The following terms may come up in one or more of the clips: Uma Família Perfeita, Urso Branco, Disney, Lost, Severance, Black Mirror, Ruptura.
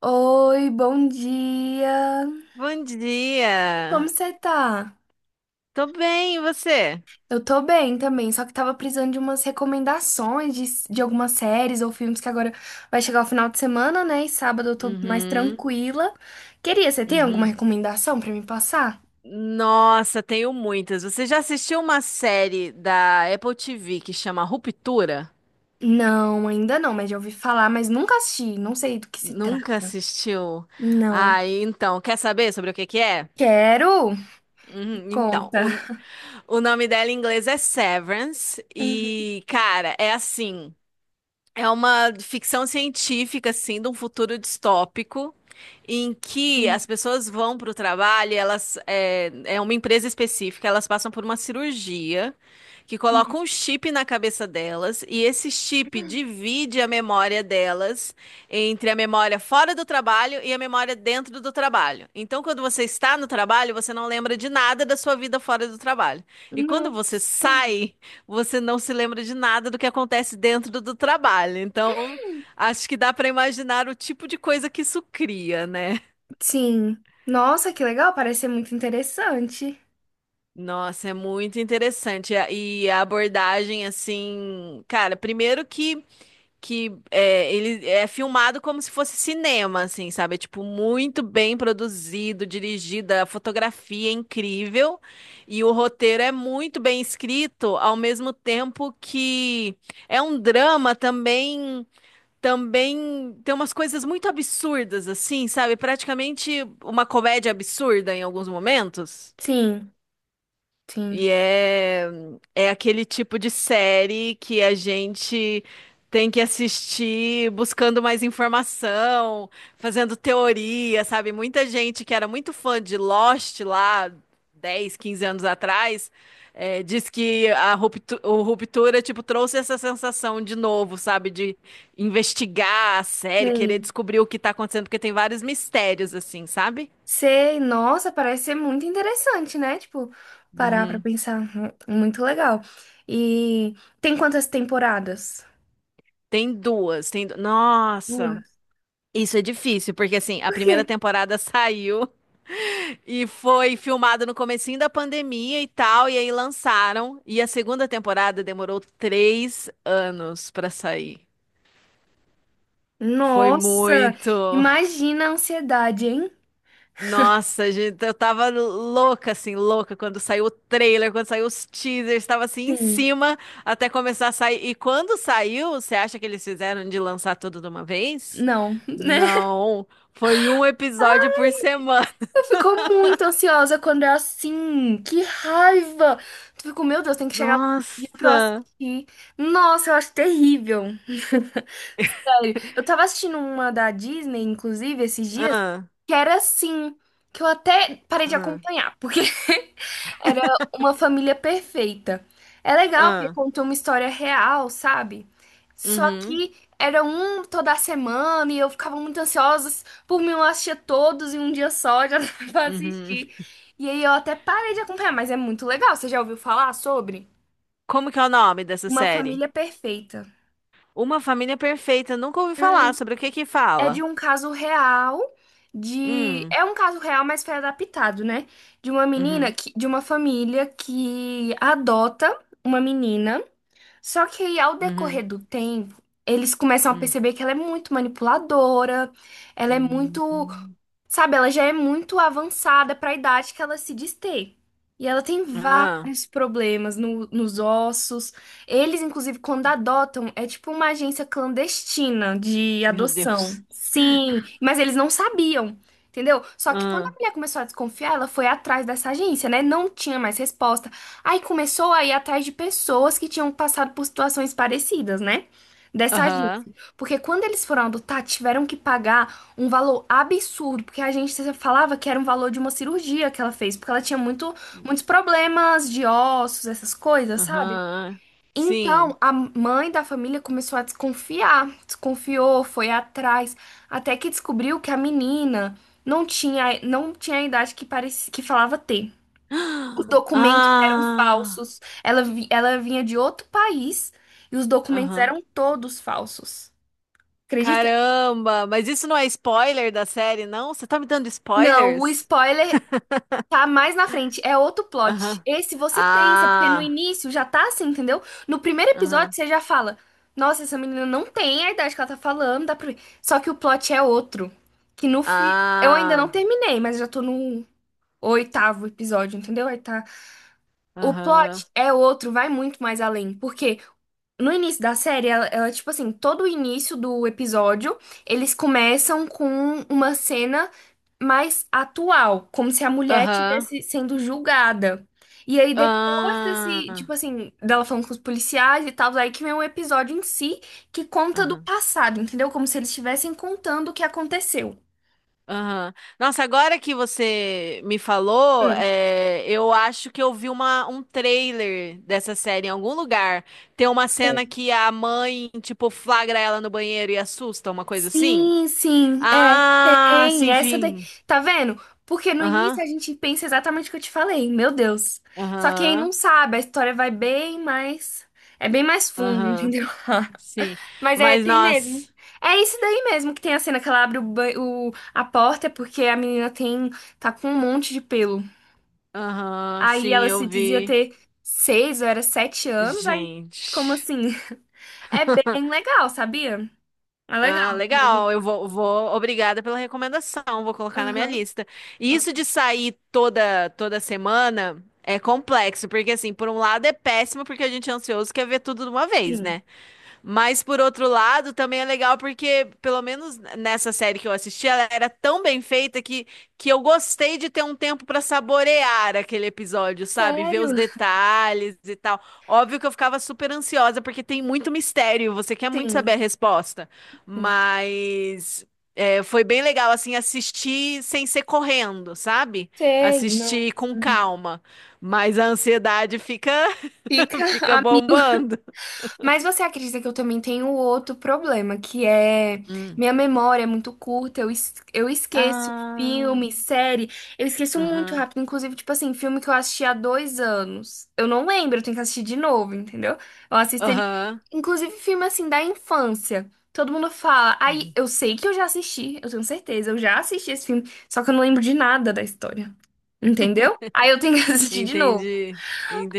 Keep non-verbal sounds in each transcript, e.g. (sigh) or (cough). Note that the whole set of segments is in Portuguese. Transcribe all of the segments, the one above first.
Oi, bom dia. Bom Como dia. você tá? Tô bem, e você? Eu tô bem também, só que tava precisando de umas recomendações de algumas séries ou filmes que agora vai chegar o final de semana, né? E sábado eu tô mais Uhum, tranquila. Queria, você tem alguma uhum. recomendação pra me passar? Nossa, tenho muitas. Você já assistiu uma série da Apple TV que chama Ruptura? Não, ainda não, mas já ouvi falar, mas nunca assisti, não sei do que se Nunca trata. assistiu? Não. Ah, então, quer saber sobre o que que é? Quero? Me Uhum. Então, conta. o nome dela em inglês é Severance Uhum. e, cara, é assim. É uma ficção científica, assim, de um futuro distópico, em que as pessoas vão para o trabalho, e elas é uma empresa específica, elas passam por uma cirurgia que Uhum. coloca um chip na cabeça delas, e esse chip divide a memória delas entre a memória fora do trabalho e a memória dentro do trabalho. Então, quando você está no trabalho, você não lembra de nada da sua vida fora do trabalho. E quando você Nossa. sai você não se lembra de nada do que acontece dentro do trabalho. Então, acho que dá para imaginar o tipo de coisa que isso cria, né? Sim. Nossa, que legal, parece ser muito interessante. Nossa, é muito interessante. E a abordagem, assim, cara, primeiro que. Que é, ele é filmado como se fosse cinema, assim, sabe? É, tipo, muito bem produzido, dirigida, a fotografia é incrível e o roteiro é muito bem escrito, ao mesmo tempo que é um drama também tem umas coisas muito absurdas, assim, sabe? Praticamente uma comédia absurda em alguns momentos. Sim. E Sim. é, é aquele tipo de série que a gente tem que assistir buscando mais informação, fazendo teoria, sabe? Muita gente que era muito fã de Lost lá 10 15 anos atrás, diz que o Ruptura, tipo, trouxe essa sensação de novo, sabe? De investigar a série, querer Sei. descobrir o que tá acontecendo, porque tem vários mistérios, assim, sabe? Sei. Nossa, parece ser muito interessante, né? Tipo, parar pra Uhum. pensar. Muito legal. E tem quantas temporadas? Tem duas, Nossa! Duas. Isso é difícil, porque assim, a Por primeira quê? temporada (laughs) saiu e foi filmada no comecinho da pandemia e tal, e aí lançaram. E a segunda temporada demorou 3 anos pra sair. Foi Nossa, muito. imagina a ansiedade, hein? Nossa, gente, eu tava louca, assim, louca quando saiu o trailer, quando saiu os teasers, tava assim em Sim. cima até começar a sair. E quando saiu, você acha que eles fizeram de lançar tudo de uma vez? Não, (laughs) né? Não, foi um episódio por semana. Eu fico muito ansiosa quando é assim. Que raiva! Tu ficou, meu Deus, tem que chegar lá pra eu Nossa! assistir. Nossa, eu acho terrível. Olha, eu tava assistindo uma da Disney, inclusive, esses dias, Ah, que era assim, que eu até parei de ah, acompanhar, porque (laughs) era uma família perfeita. É legal, porque ah. conta uma história real, sabe? Só Uhum, que era um toda semana e eu ficava muito ansiosa. Por mim, eu assistia todos em um dia só, já (laughs) dava pra uhum. assistir. E aí eu até parei de acompanhar, mas é muito legal. Você já ouviu falar sobre Como que é o nome dessa Uma série? Família Perfeita? Uma Família Perfeita. Nunca ouvi falar sobre o que que É de fala. um caso real, de Hum, é um caso real, mas foi adaptado, né? De uma menina uhum, que de uma família que adota uma menina, só que aí, ao uhum, decorrer do tempo, eles começam a hum, perceber que ela é muito manipuladora, ela é muito, hum. sabe, ela já é muito avançada para a idade que ela se diz ter. E ela tem Ah, vários problemas nos ossos. Eles, inclusive, quando adotam, é tipo uma agência clandestina de meu adoção. Deus. Sim, mas eles não sabiam, entendeu? Só que quando a Ah, mulher começou a desconfiar, ela foi atrás dessa agência, né? Não tinha mais resposta. Aí começou a ir atrás de pessoas que tinham passado por situações parecidas, né? Dessa aham, agência. Porque quando eles foram adotar, tiveram que pagar um valor absurdo, porque a agência falava que era um valor de uma cirurgia que ela fez, porque ela tinha muitos problemas de ossos, essas coisas, sabe? aham. Então, Sim. a mãe da família começou a desconfiar, desconfiou, foi atrás, até que descobriu que a menina não tinha a idade que parecia, que falava ter. Os (gasps) documentos eram Ah, falsos. Ela vinha de outro país e os documentos aham. eram todos falsos. Acredita? Caramba, mas isso não é spoiler da série, não? Você tá me dando Não, o spoilers? spoiler tá mais na frente. É outro plot. Aham. Esse você pensa, porque no Ah. início já tá assim, entendeu? No primeiro episódio Aham. você já fala: "Nossa, essa menina não tem a idade que ela tá falando. Dá pra ver." Só que o plot é outro. Que no fi... Eu ainda não Ah, terminei, mas já tô no oitavo episódio, entendeu? Aí tá. O aham. plot é outro, vai muito mais além. Porque no início da série, ela, tipo assim, todo o início do episódio, eles começam com uma cena mais atual, como se a mulher Aham. estivesse sendo julgada. E aí, depois desse, tipo Ah, assim, dela falando com os policiais e tal, aí que vem um episódio em si que conta do aham. passado, entendeu? Como se eles estivessem contando o que aconteceu. Aham. Nossa, agora que você me falou, Hum. é, eu acho que eu vi um trailer dessa série em algum lugar. Tem uma cena que a mãe, tipo, flagra ela no banheiro e assusta, uma coisa assim. Sim, sim, é, Ah, tem, sim, essa daí, sim. tá vendo? Porque no Aham, início a gente pensa exatamente o que eu te falei, meu Deus. Só que aí não aham, sabe, a história vai bem mais, é bem mais fundo, aham. entendeu? Sim. (laughs) Mas é, Mas, tem mesmo. nossa. É isso daí mesmo, que tem a cena que ela abre a porta, é porque a menina tá com um monte de pelo. Aham, Aí sim, ela eu se dizia vi. ter 6 ou era 7 anos, aí como Gente. assim? (laughs) É bem legal, sabia? É legal. Ah, legal. Eu vou, vou. Obrigada pela recomendação. Vou colocar na minha Aham. lista. E Bom. isso de sair toda semana é complexo, porque assim, por um lado é péssimo porque a gente é ansioso e quer ver tudo de uma vez, Sim. né? Mas por outro lado, também é legal porque, pelo menos nessa série que eu assisti, ela era tão bem feita que eu gostei de ter um tempo para saborear aquele episódio, sabe? Ver os Sério? detalhes e tal. Óbvio que eu ficava super ansiosa porque tem muito mistério, você quer muito Sim, saber a resposta. sim. Mas é, foi bem legal, assim, assistir sem ser correndo, sabe? Sei, não. Assistir com calma. Mas a ansiedade fica, Fica. (laughs) fica bombando. Mas você acredita que eu também tenho outro problema, que é Hum. minha memória é muito curta, eu esqueço Ah, filme, série, eu esqueço muito aham, rápido, inclusive, tipo assim, filme que eu assisti há 2 anos. Eu não lembro, eu tenho que assistir de novo, entendeu? Eu assisto ele, aham. inclusive filme assim da infância. Todo mundo fala, aí Uhum. eu sei que eu já assisti, eu tenho certeza, eu já assisti esse filme, só que eu não lembro de nada da história. Entendeu? Aí eu tenho que (laughs) (laughs) assistir de novo. Entendi,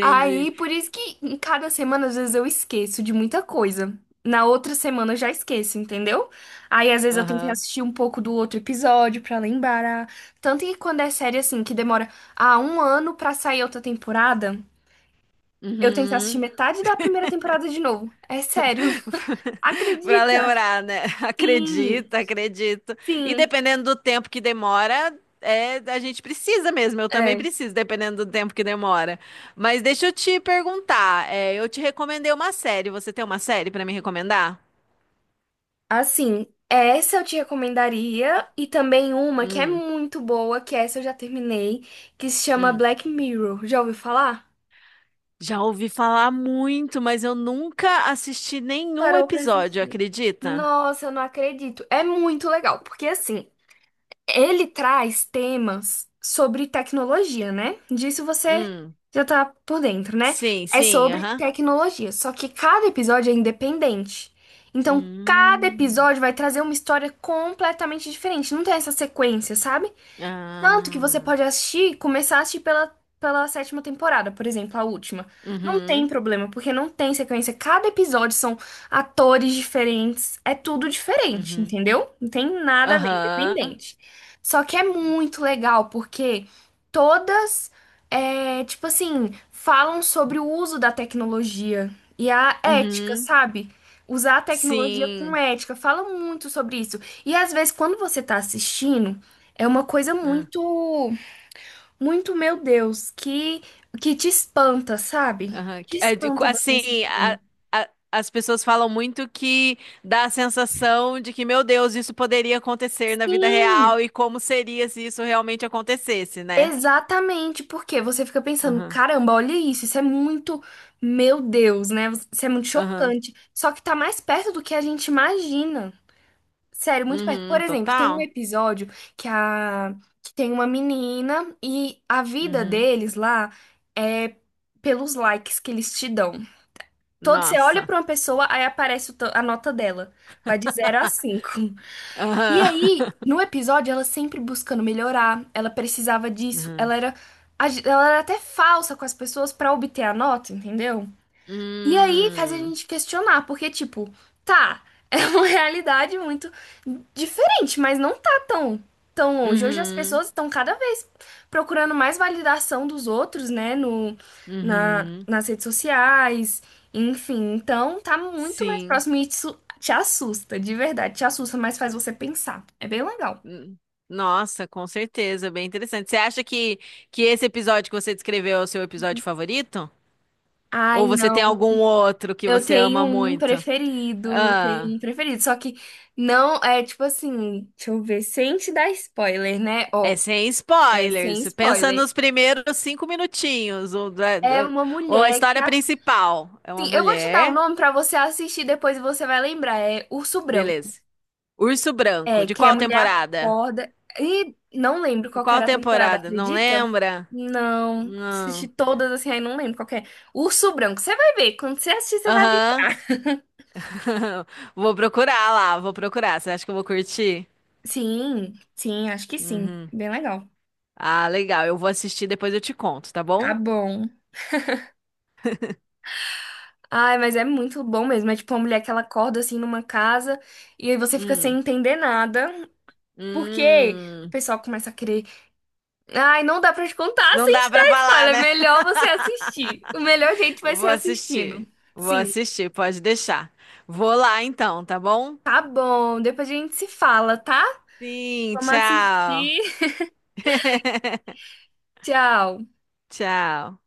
Aí, por isso que em cada semana, às vezes, eu esqueço de muita coisa. Na outra semana eu já esqueço, entendeu? Aí, às vezes, eu tenho que Aham. assistir um pouco do outro episódio pra lembrar. Tanto que quando é série assim, que demora um ano pra sair outra temporada, eu tenho que assistir Uhum. metade da primeira temporada de novo. É sério. (laughs) (laughs) Para Acredita? lembrar, né? (laughs) Sim, Acredito, acredito. E sim. dependendo do tempo que demora, é, a gente precisa mesmo. Eu também É. preciso, dependendo do tempo que demora. Mas deixa eu te perguntar. É, eu te recomendei uma série. Você tem uma série para me recomendar? Assim, essa eu te recomendaria e também uma que é Hum, muito boa, que essa eu já terminei, que se chama hum. Black Mirror. Já ouviu falar? Já ouvi falar muito, mas eu nunca assisti nenhum Parou pra episódio, assistir. acredita? Nossa, eu não acredito. É muito legal, porque assim, ele traz temas sobre tecnologia, né? Disso você Hum, já tá por dentro, né? sim, É sim, sobre aham. tecnologia, só que cada episódio é independente. Então, cada Hum, episódio vai trazer uma história completamente diferente. Não tem essa sequência, sabe? Tanto que você ah, pode assistir, começar a assistir pela sétima temporada, por exemplo, a última. Não tem uhum, problema, porque não tem sequência. Cada episódio são atores diferentes, é tudo diferente, uhum, entendeu? Não tem nada a ver, aham, independente. Só que é muito legal, porque todas, é, tipo assim, falam sobre o uso da tecnologia e a ética, uhum, sabe? Usar a tecnologia com sim, ética, fala muito sobre isso. E às vezes, quando você tá assistindo. É uma coisa ah, muito, muito, meu Deus, que te espanta, sabe? aham. Te espanta você Assim, assistindo. As pessoas falam muito que dá a sensação de que, meu Deus, isso poderia acontecer na vida Sim, real e como seria se isso realmente acontecesse, né? exatamente, porque você fica pensando, Aham, caramba, olha isso, isso é muito, meu Deus, né? Isso é muito aham, chocante. Só que tá mais perto do que a gente imagina. Sério, muito perto. Por uhum, exemplo, tem um total. episódio que a que tem uma menina, e a vida Uhum. deles lá é pelos likes que eles te dão. Todo, você olha Nossa. para uma pessoa, aí aparece a nota dela. Vai de 0 a 5. E Aham. aí, (laughs) no episódio, ela sempre buscando melhorar, ela precisava disso, Uhum. ela era até falsa com as pessoas para obter a nota, entendeu? E aí faz a Hum. gente questionar, porque, tipo, tá, (laughs) é uma realidade muito diferente, mas não tá tão, tão longe. Hoje as Uhum. pessoas estão cada vez procurando mais validação dos outros, né, no, na, Uhum. nas redes sociais, enfim. Então, tá muito mais Sim. próximo e isso te assusta, de verdade, te assusta, mas faz você pensar. É bem legal. Hum. Nossa, com certeza, bem interessante. Você acha que esse episódio que você descreveu é o seu episódio favorito? Ai, Ou você não. tem algum outro que Eu você tenho ama um muito? preferido, Ah, só que não é tipo assim, deixa eu ver, sem te dar spoiler, né? é Ó, sem é sem spoilers. Pensa spoiler. nos primeiros 5 minutinhos. Ou, da- É da- uma ou a mulher que história principal. É uma assim, eu vou te dar o mulher. nome pra você assistir depois e você vai lembrar, é Urso Branco. Beleza. Urso Branco. É, De que a qual mulher temporada? acorda e não lembro De qual que qual era a temporada, temporada? Não acredita? lembra? Não, assisti Não. todas assim, aí não lembro qual que é. Urso Branco, você vai ver, quando você assistir você vai ver. Aham. (laughs) Vou procurar lá, vou procurar. Você acha que eu vou curtir? Sim, sim, acho que sim. Uhum. Bem legal. Ah, legal. Eu vou assistir, depois eu te conto, tá Tá bom? bom. Ai, mas é muito bom mesmo. É tipo uma mulher que ela acorda assim numa casa e aí você fica sem Hum. entender nada, porque o Hum. pessoal começa a querer. Ai, não dá pra te contar Não sem dá te pra dar falar, spoiler. É né? melhor você assistir. O melhor jeito (laughs) vai Vou ser assistindo. assistir. Vou Sim, assistir, pode deixar. Vou lá então, tá bom? tá bom. Depois a gente se fala, tá? Sim, Vamos tchau. assistir. (laughs) Tchau. Tchau.